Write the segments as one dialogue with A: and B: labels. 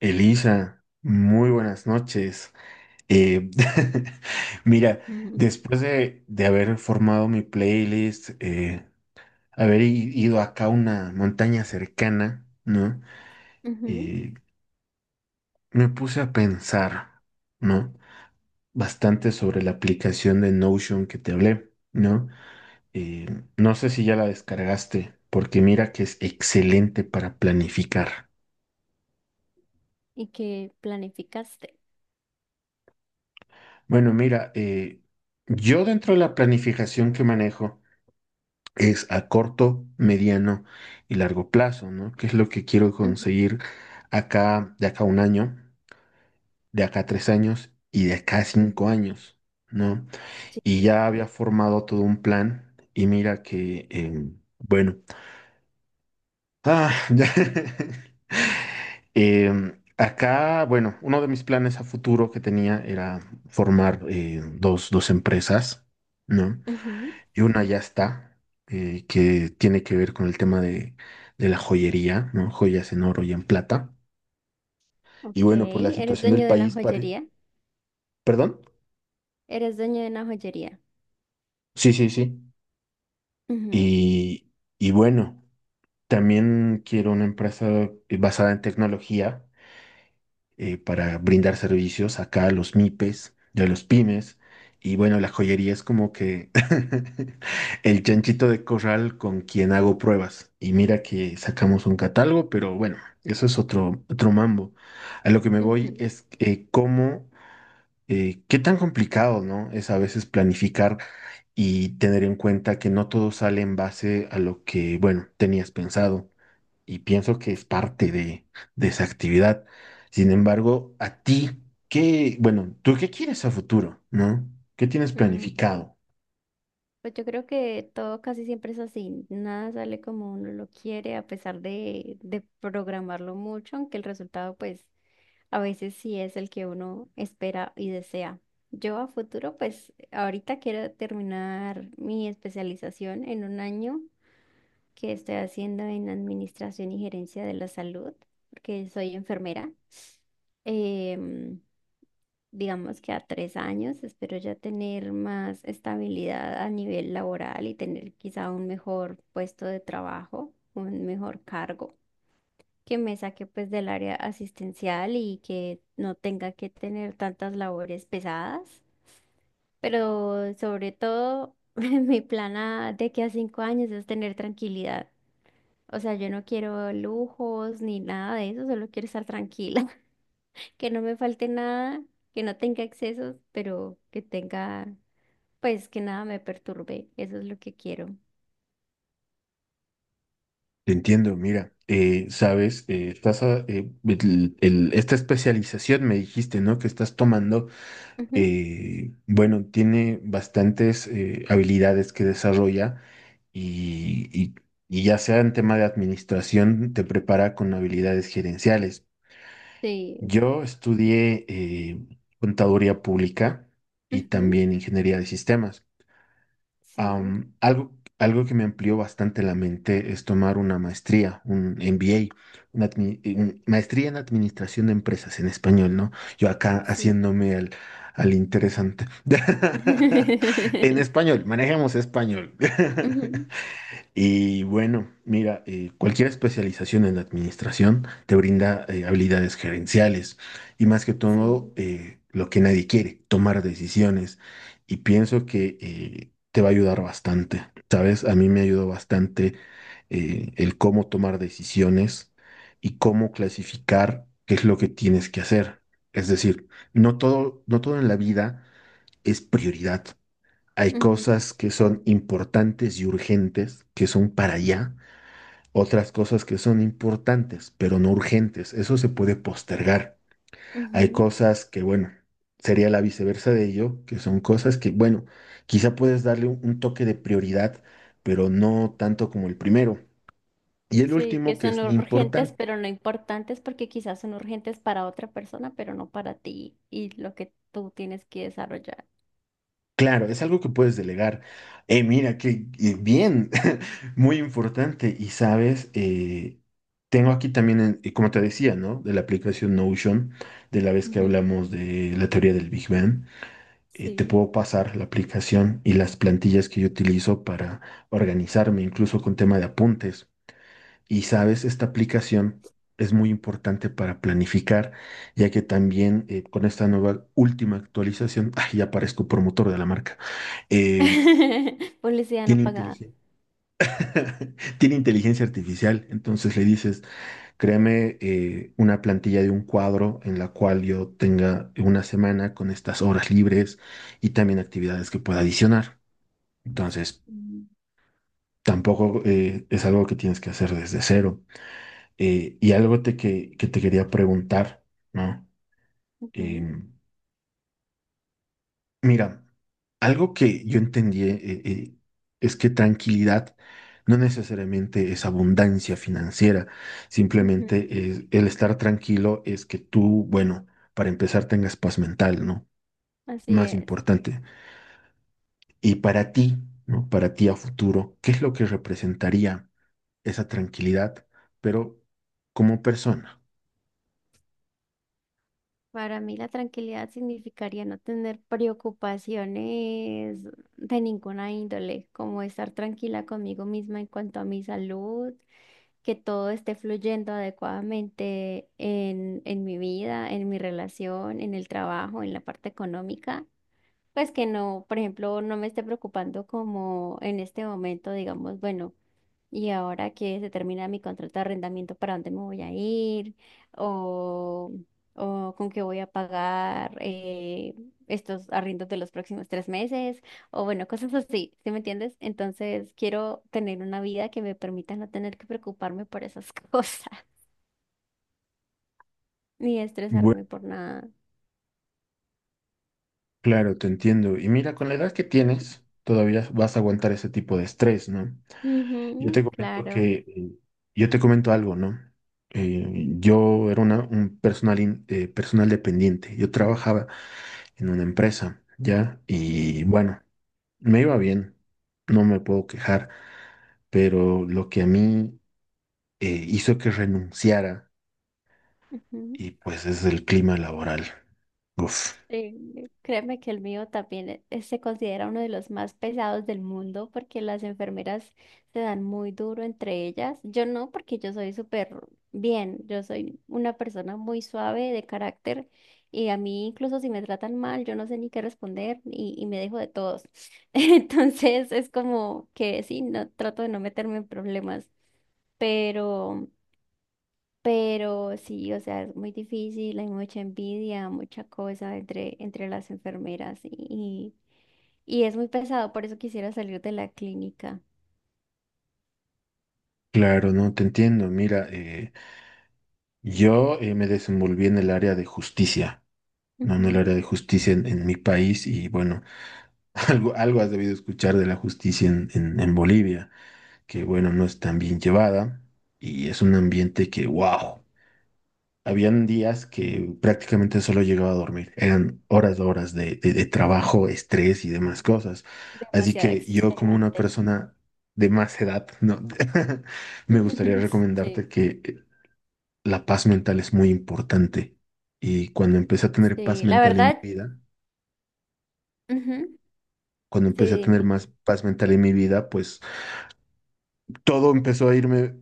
A: Elisa, muy buenas noches. Eh, mira,
B: Ujú,
A: después de haber formado mi playlist, ido acá a una montaña cercana, ¿no?
B: ujú.
A: Eh, me puse a pensar, ¿no? Bastante sobre la aplicación de Notion que te hablé, ¿no? Eh, no sé si ya la descargaste, porque mira que es excelente para planificar.
B: Y qué planificaste.
A: Bueno, mira, yo dentro de la planificación que manejo, es a corto, mediano y largo plazo, ¿no? ¿Qué es lo que quiero
B: Ujú,
A: conseguir acá, de acá a un año, de acá a tres años y de acá a cinco
B: ujú,
A: años, ¿no?
B: Sí.
A: Y ya había formado todo un plan y mira que, bueno, ya. Acá, bueno, uno de mis planes a futuro que tenía era formar dos empresas, ¿no?
B: ujú.
A: Y una ya está, que tiene que ver con el tema de la joyería, ¿no? Joyas en oro y en plata. Y
B: Ok,
A: bueno, por la
B: eres
A: situación del
B: dueño de una
A: país, pare...
B: joyería.
A: ¿Perdón?
B: Eres dueño de una joyería.
A: Sí, sí, sí.
B: Ujú,
A: Y, y bueno, también quiero una empresa basada en tecnología para brindar servicios acá a los MIPES, de los pymes. Y bueno, la joyería es como que el chanchito de corral con quien hago pruebas. Y mira que sacamos un catálogo, pero bueno, eso es otro mambo. A lo que me voy
B: ujú.
A: es cómo, qué tan complicado, ¿no? Es a veces planificar y tener en cuenta que no todo sale en base a lo que, bueno, tenías pensado y pienso que es parte de esa actividad. Sin embargo, a ti, ¿qué, bueno, tú qué quieres a futuro, ¿no? ¿Qué tienes
B: Mm,
A: planificado?
B: Pues yo creo que todo casi siempre es así. Nada sale como uno lo quiere, a pesar de programarlo mucho, aunque el resultado, pues, a veces sí es el que uno espera y desea. Yo a futuro, pues, ahorita quiero terminar mi especialización en un año. Que estoy haciendo en Administración y Gerencia de la Salud, porque soy enfermera. Em, digamos que a 3 años espero ya tener más estabilidad a nivel laboral y tener quizá un mejor puesto de trabajo, un mejor cargo. Que me saque pues del área asistencial y que no tenga que tener tantas labores pesadas, pero sobre todo mi plan de que a 5 años es tener tranquilidad. O sea, yo no quiero lujos ni nada de eso, solo quiero estar tranquila, que no me falte nada, que no tenga excesos, pero que tenga, pues que nada me perturbe, eso es lo que quiero.
A: Te entiendo, mira, sabes, esta especialización me dijiste, ¿no? Que estás tomando,
B: Ujú,
A: bueno, tiene bastantes habilidades que desarrolla y, y y ya sea en tema de administración, te prepara con habilidades gerenciales.
B: Sí,
A: Yo estudié contaduría pública y
B: ujú,
A: también ingeniería de sistemas.
B: sí,
A: Am, algo, algo que me amplió bastante la mente es tomar una maestría, un MBA, maestría en administración de empresas en español, ¿no? Yo acá
B: sí.
A: haciéndome al, al interesante. En español, manejemos español.
B: Ujú,
A: Y bueno, mira, cualquier especialización en administración te brinda habilidades gerenciales y más que todo
B: Sí,
A: lo que nadie quiere, tomar decisiones. Y pienso que te va a ayudar bastante, ¿sabes? A mí me ayudó bastante el cómo tomar decisiones y cómo clasificar qué es lo que tienes que hacer. Es decir, no todo en la vida es prioridad. Hay
B: ujú,
A: cosas que son importantes y urgentes, que son para allá. Otras cosas que son importantes, pero no urgentes. Eso se puede postergar. Hay
B: ujú.
A: cosas que, bueno, sería la viceversa de ello, que son cosas que, bueno, quizá puedes darle un toque de prioridad, pero no tanto como el primero. Y el
B: Sí, que
A: último, que
B: son
A: es
B: urgentes,
A: importante.
B: pero no importantes, porque quizás son urgentes para otra persona, pero no para ti y lo que tú tienes que desarrollar.
A: Claro, es algo que puedes delegar. Mira, qué bien, muy importante. Y sabes, tengo aquí también, como te decía, ¿no? De la aplicación Notion, de la vez que
B: Ujú,
A: hablamos de la teoría del Big Bang, te
B: Sí.
A: puedo pasar la aplicación y las plantillas que yo utilizo para organizarme, incluso con tema de apuntes. Y sabes, esta aplicación es muy importante para planificar, ya que también con esta nueva última actualización, ay, ya parezco promotor de la marca, eh,
B: Publicidad
A: tiene
B: no pagada.
A: inteligencia, tiene inteligencia artificial. Entonces le dices, créame una plantilla de un cuadro en la cual yo tenga una semana con estas horas libres y también actividades que pueda adicionar. Entonces,
B: Mm.
A: tampoco es algo que tienes que hacer desde cero. Y algo que te quería preguntar, ¿no? Em, mira, algo que yo entendí eh, es que tranquilidad no necesariamente es abundancia financiera,
B: Ujú,
A: simplemente
B: ujú.
A: el estar tranquilo es que tú, bueno, para empezar tengas paz mental, ¿no?
B: Así
A: Más
B: es.
A: importante. Y para ti, ¿no? Para ti a futuro, ¿qué es lo que representaría esa tranquilidad, pero como persona?
B: Para mí la tranquilidad significaría no tener preocupaciones de ninguna índole, como estar tranquila conmigo misma en cuanto a mi salud, que todo esté fluyendo adecuadamente en mi vida, en mi relación, en el trabajo, en la parte económica. Pues que no, por ejemplo, no me esté preocupando como en este momento, digamos, bueno. Y ahora que se termina mi contrato de arrendamiento, ¿para dónde me voy a ir? ¿O, o con qué voy a pagar estos arriendos de los próximos 3 meses? O bueno, cosas así, ¿sí me entiendes? Entonces quiero tener una vida que me permita no tener que preocuparme por esas cosas, ni estresarme por nada.
A: Claro, te entiendo. Y mira, con la edad que tienes, todavía vas a aguantar ese tipo de estrés, ¿no? Yo te
B: Ujú,
A: comento
B: claro.
A: que, yo te comento algo, ¿no? Yo era una, un personal, personal dependiente. Yo trabajaba en una empresa, ¿ya?
B: Ujú,
A: Y bueno, me iba bien, no me puedo quejar, pero lo que a mí hizo que renunciara,
B: ujú.
A: y pues es el clima laboral. Uf,
B: Sí, créeme que el mío también se considera uno de los más pesados del mundo porque las enfermeras se dan muy duro entre ellas. Yo no, porque yo soy súper bien, yo soy una persona muy suave de carácter y a mí incluso si me tratan mal, yo no sé ni qué responder y me dejo de todos. Entonces es como que sí, no, trato de no meterme en problemas, pero... Pero sí, o sea, es muy difícil, hay mucha envidia, mucha cosa entre las enfermeras y es muy pesado, por eso quisiera salir de la clínica.
A: claro, no te entiendo. Mira, yo me desenvolví en el área de justicia, no en el
B: Ujú,
A: área de justicia en mi país y bueno, algo has debido escuchar de la justicia en, en Bolivia, que bueno, no es tan bien llevada y es un ambiente que, wow, habían días que prácticamente solo llegaba a dormir, eran horas, horas de trabajo, estrés y demás cosas. Así
B: Demasiado
A: que yo como una
B: extenuante.
A: persona de más edad, no, me gustaría
B: Sí,
A: recomendarte que la paz mental es muy importante. Y cuando empecé a tener paz
B: sí, la
A: mental en
B: verdad,
A: mi vida,
B: ujú,
A: cuando
B: Sí,
A: empecé a tener
B: dime.
A: más paz mental en mi vida, pues todo empezó a irme,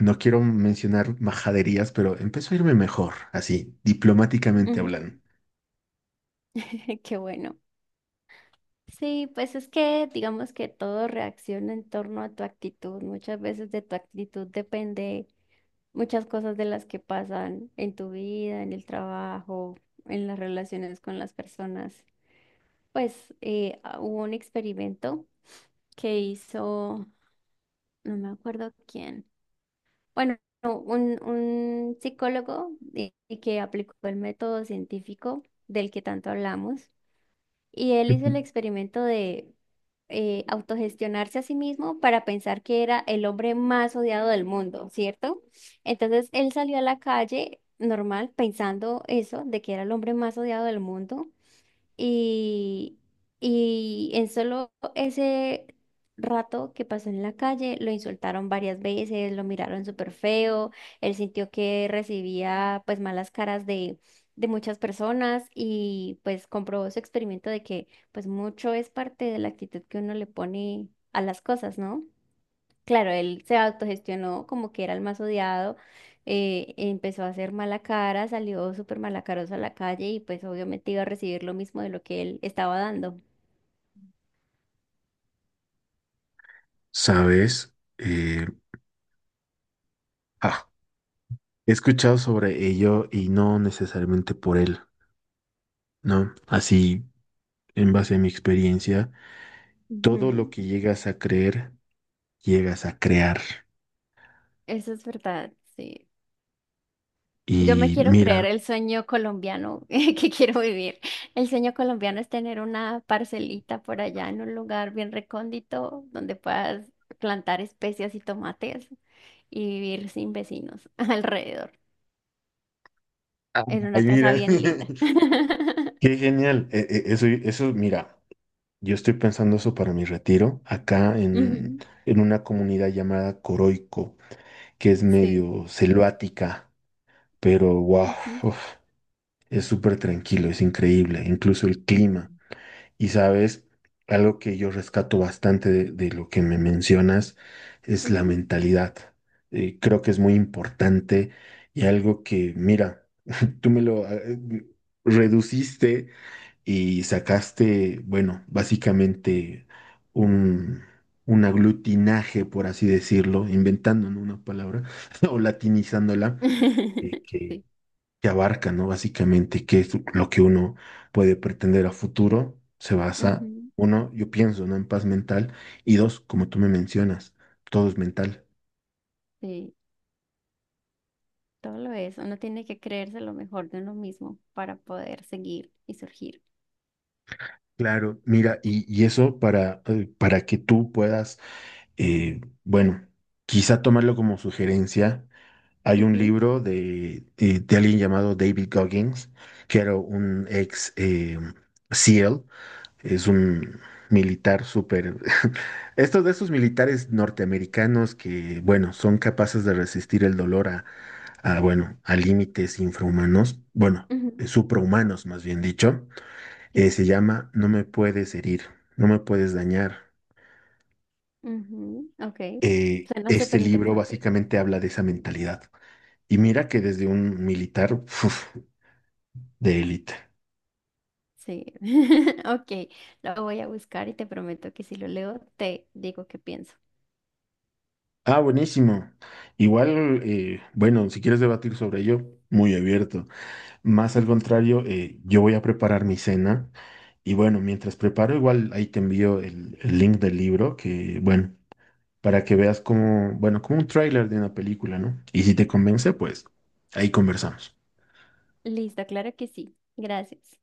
A: no quiero mencionar majaderías, pero empezó a irme mejor, así, diplomáticamente
B: Ujú,
A: hablando.
B: Qué bueno. Sí, pues es que digamos que todo reacciona en torno a tu actitud. Muchas veces de tu actitud depende muchas cosas de las que pasan en tu vida, en el trabajo, en las relaciones con las personas. Pues hubo un experimento que hizo, no me acuerdo quién, bueno, no, un psicólogo y que aplicó el método científico del que tanto hablamos y él hizo el experimento de autogestionarse a sí mismo para pensar que era el hombre más odiado del mundo, ¿cierto? Entonces él salió a la calle normal pensando eso, de que era el hombre más odiado del mundo. Y, y en solo ese rato que pasó en la calle, lo insultaron varias veces, lo miraron súper feo, él sintió que recibía pues malas caras de muchas personas y pues comprobó su experimento de que pues mucho es parte de la actitud que uno le pone a las cosas, ¿no? Claro, él se autogestionó como que era el más odiado, empezó a hacer mala cara, salió súper malacaroso a la calle y pues obviamente iba a recibir lo mismo de lo que él estaba dando.
A: ¿Sabes? Ah, he escuchado sobre ello y no necesariamente por él, ¿no? Así, en base a mi experiencia, todo lo
B: Ujú,
A: que llegas a creer, llegas a crear.
B: Eso es verdad, sí. Yo me
A: Y
B: quiero creer
A: mira,
B: el sueño colombiano que quiero vivir. El sueño colombiano es tener una parcelita por allá en un lugar bien recóndito donde puedas plantar especias y tomates y vivir sin vecinos alrededor, en
A: ay,
B: una casa
A: mira,
B: bien linda.
A: qué genial. Eso, mira, yo estoy pensando eso para mi retiro, acá
B: Ujú,
A: en una comunidad llamada Coroico, que es
B: Sí.
A: medio selvática, pero wow,
B: ujú,
A: es súper tranquilo, es increíble, incluso el clima. Y sabes, algo que yo rescato bastante de lo que me mencionas es la
B: ujú.
A: mentalidad. Creo que es muy importante y algo que, mira, tú me lo reduciste y sacaste, bueno, básicamente un, un aglutinaje, por así decirlo, inventando, ¿no? una palabra o latinizándola, eh, que,
B: Sí.
A: que abarca, ¿no? Básicamente qué es lo que uno puede pretender a futuro, se basa,
B: ujú,
A: uno, yo pienso, ¿no? En paz mental, y dos, como tú me mencionas, todo es mental.
B: Sí. Todo lo es. Uno tiene que creerse lo mejor de uno mismo para poder seguir y surgir.
A: Claro, mira, y eso para que tú puedas, bueno, quizá tomarlo como sugerencia. Hay un
B: Ujú,
A: libro de alguien llamado David Goggins, que era
B: Sí.
A: un ex SEAL, es un militar súper... Estos de esos militares norteamericanos que, bueno, son capaces de resistir el dolor bueno, a límites infrahumanos, bueno,
B: ujú,
A: suprahumanos más bien dicho,
B: Sí.
A: se llama No me puedes herir, no me puedes dañar.
B: ujú, Ok. Suena
A: Este
B: súper
A: libro
B: interesante.
A: básicamente habla de esa mentalidad. Y mira que desde un militar, de élite.
B: Sí. Ok. Lo voy a buscar y te prometo que si lo leo, te digo qué pienso.
A: Ah, buenísimo. Igual, bueno, si quieres debatir sobre ello, muy abierto. Más al contrario, yo voy a preparar mi cena y bueno, mientras preparo, igual ahí te envío el link del libro que, bueno, para que veas como, bueno, como un tráiler de una película, ¿no? Y si te convence, pues ahí conversamos.
B: Listo, claro que sí. Gracias.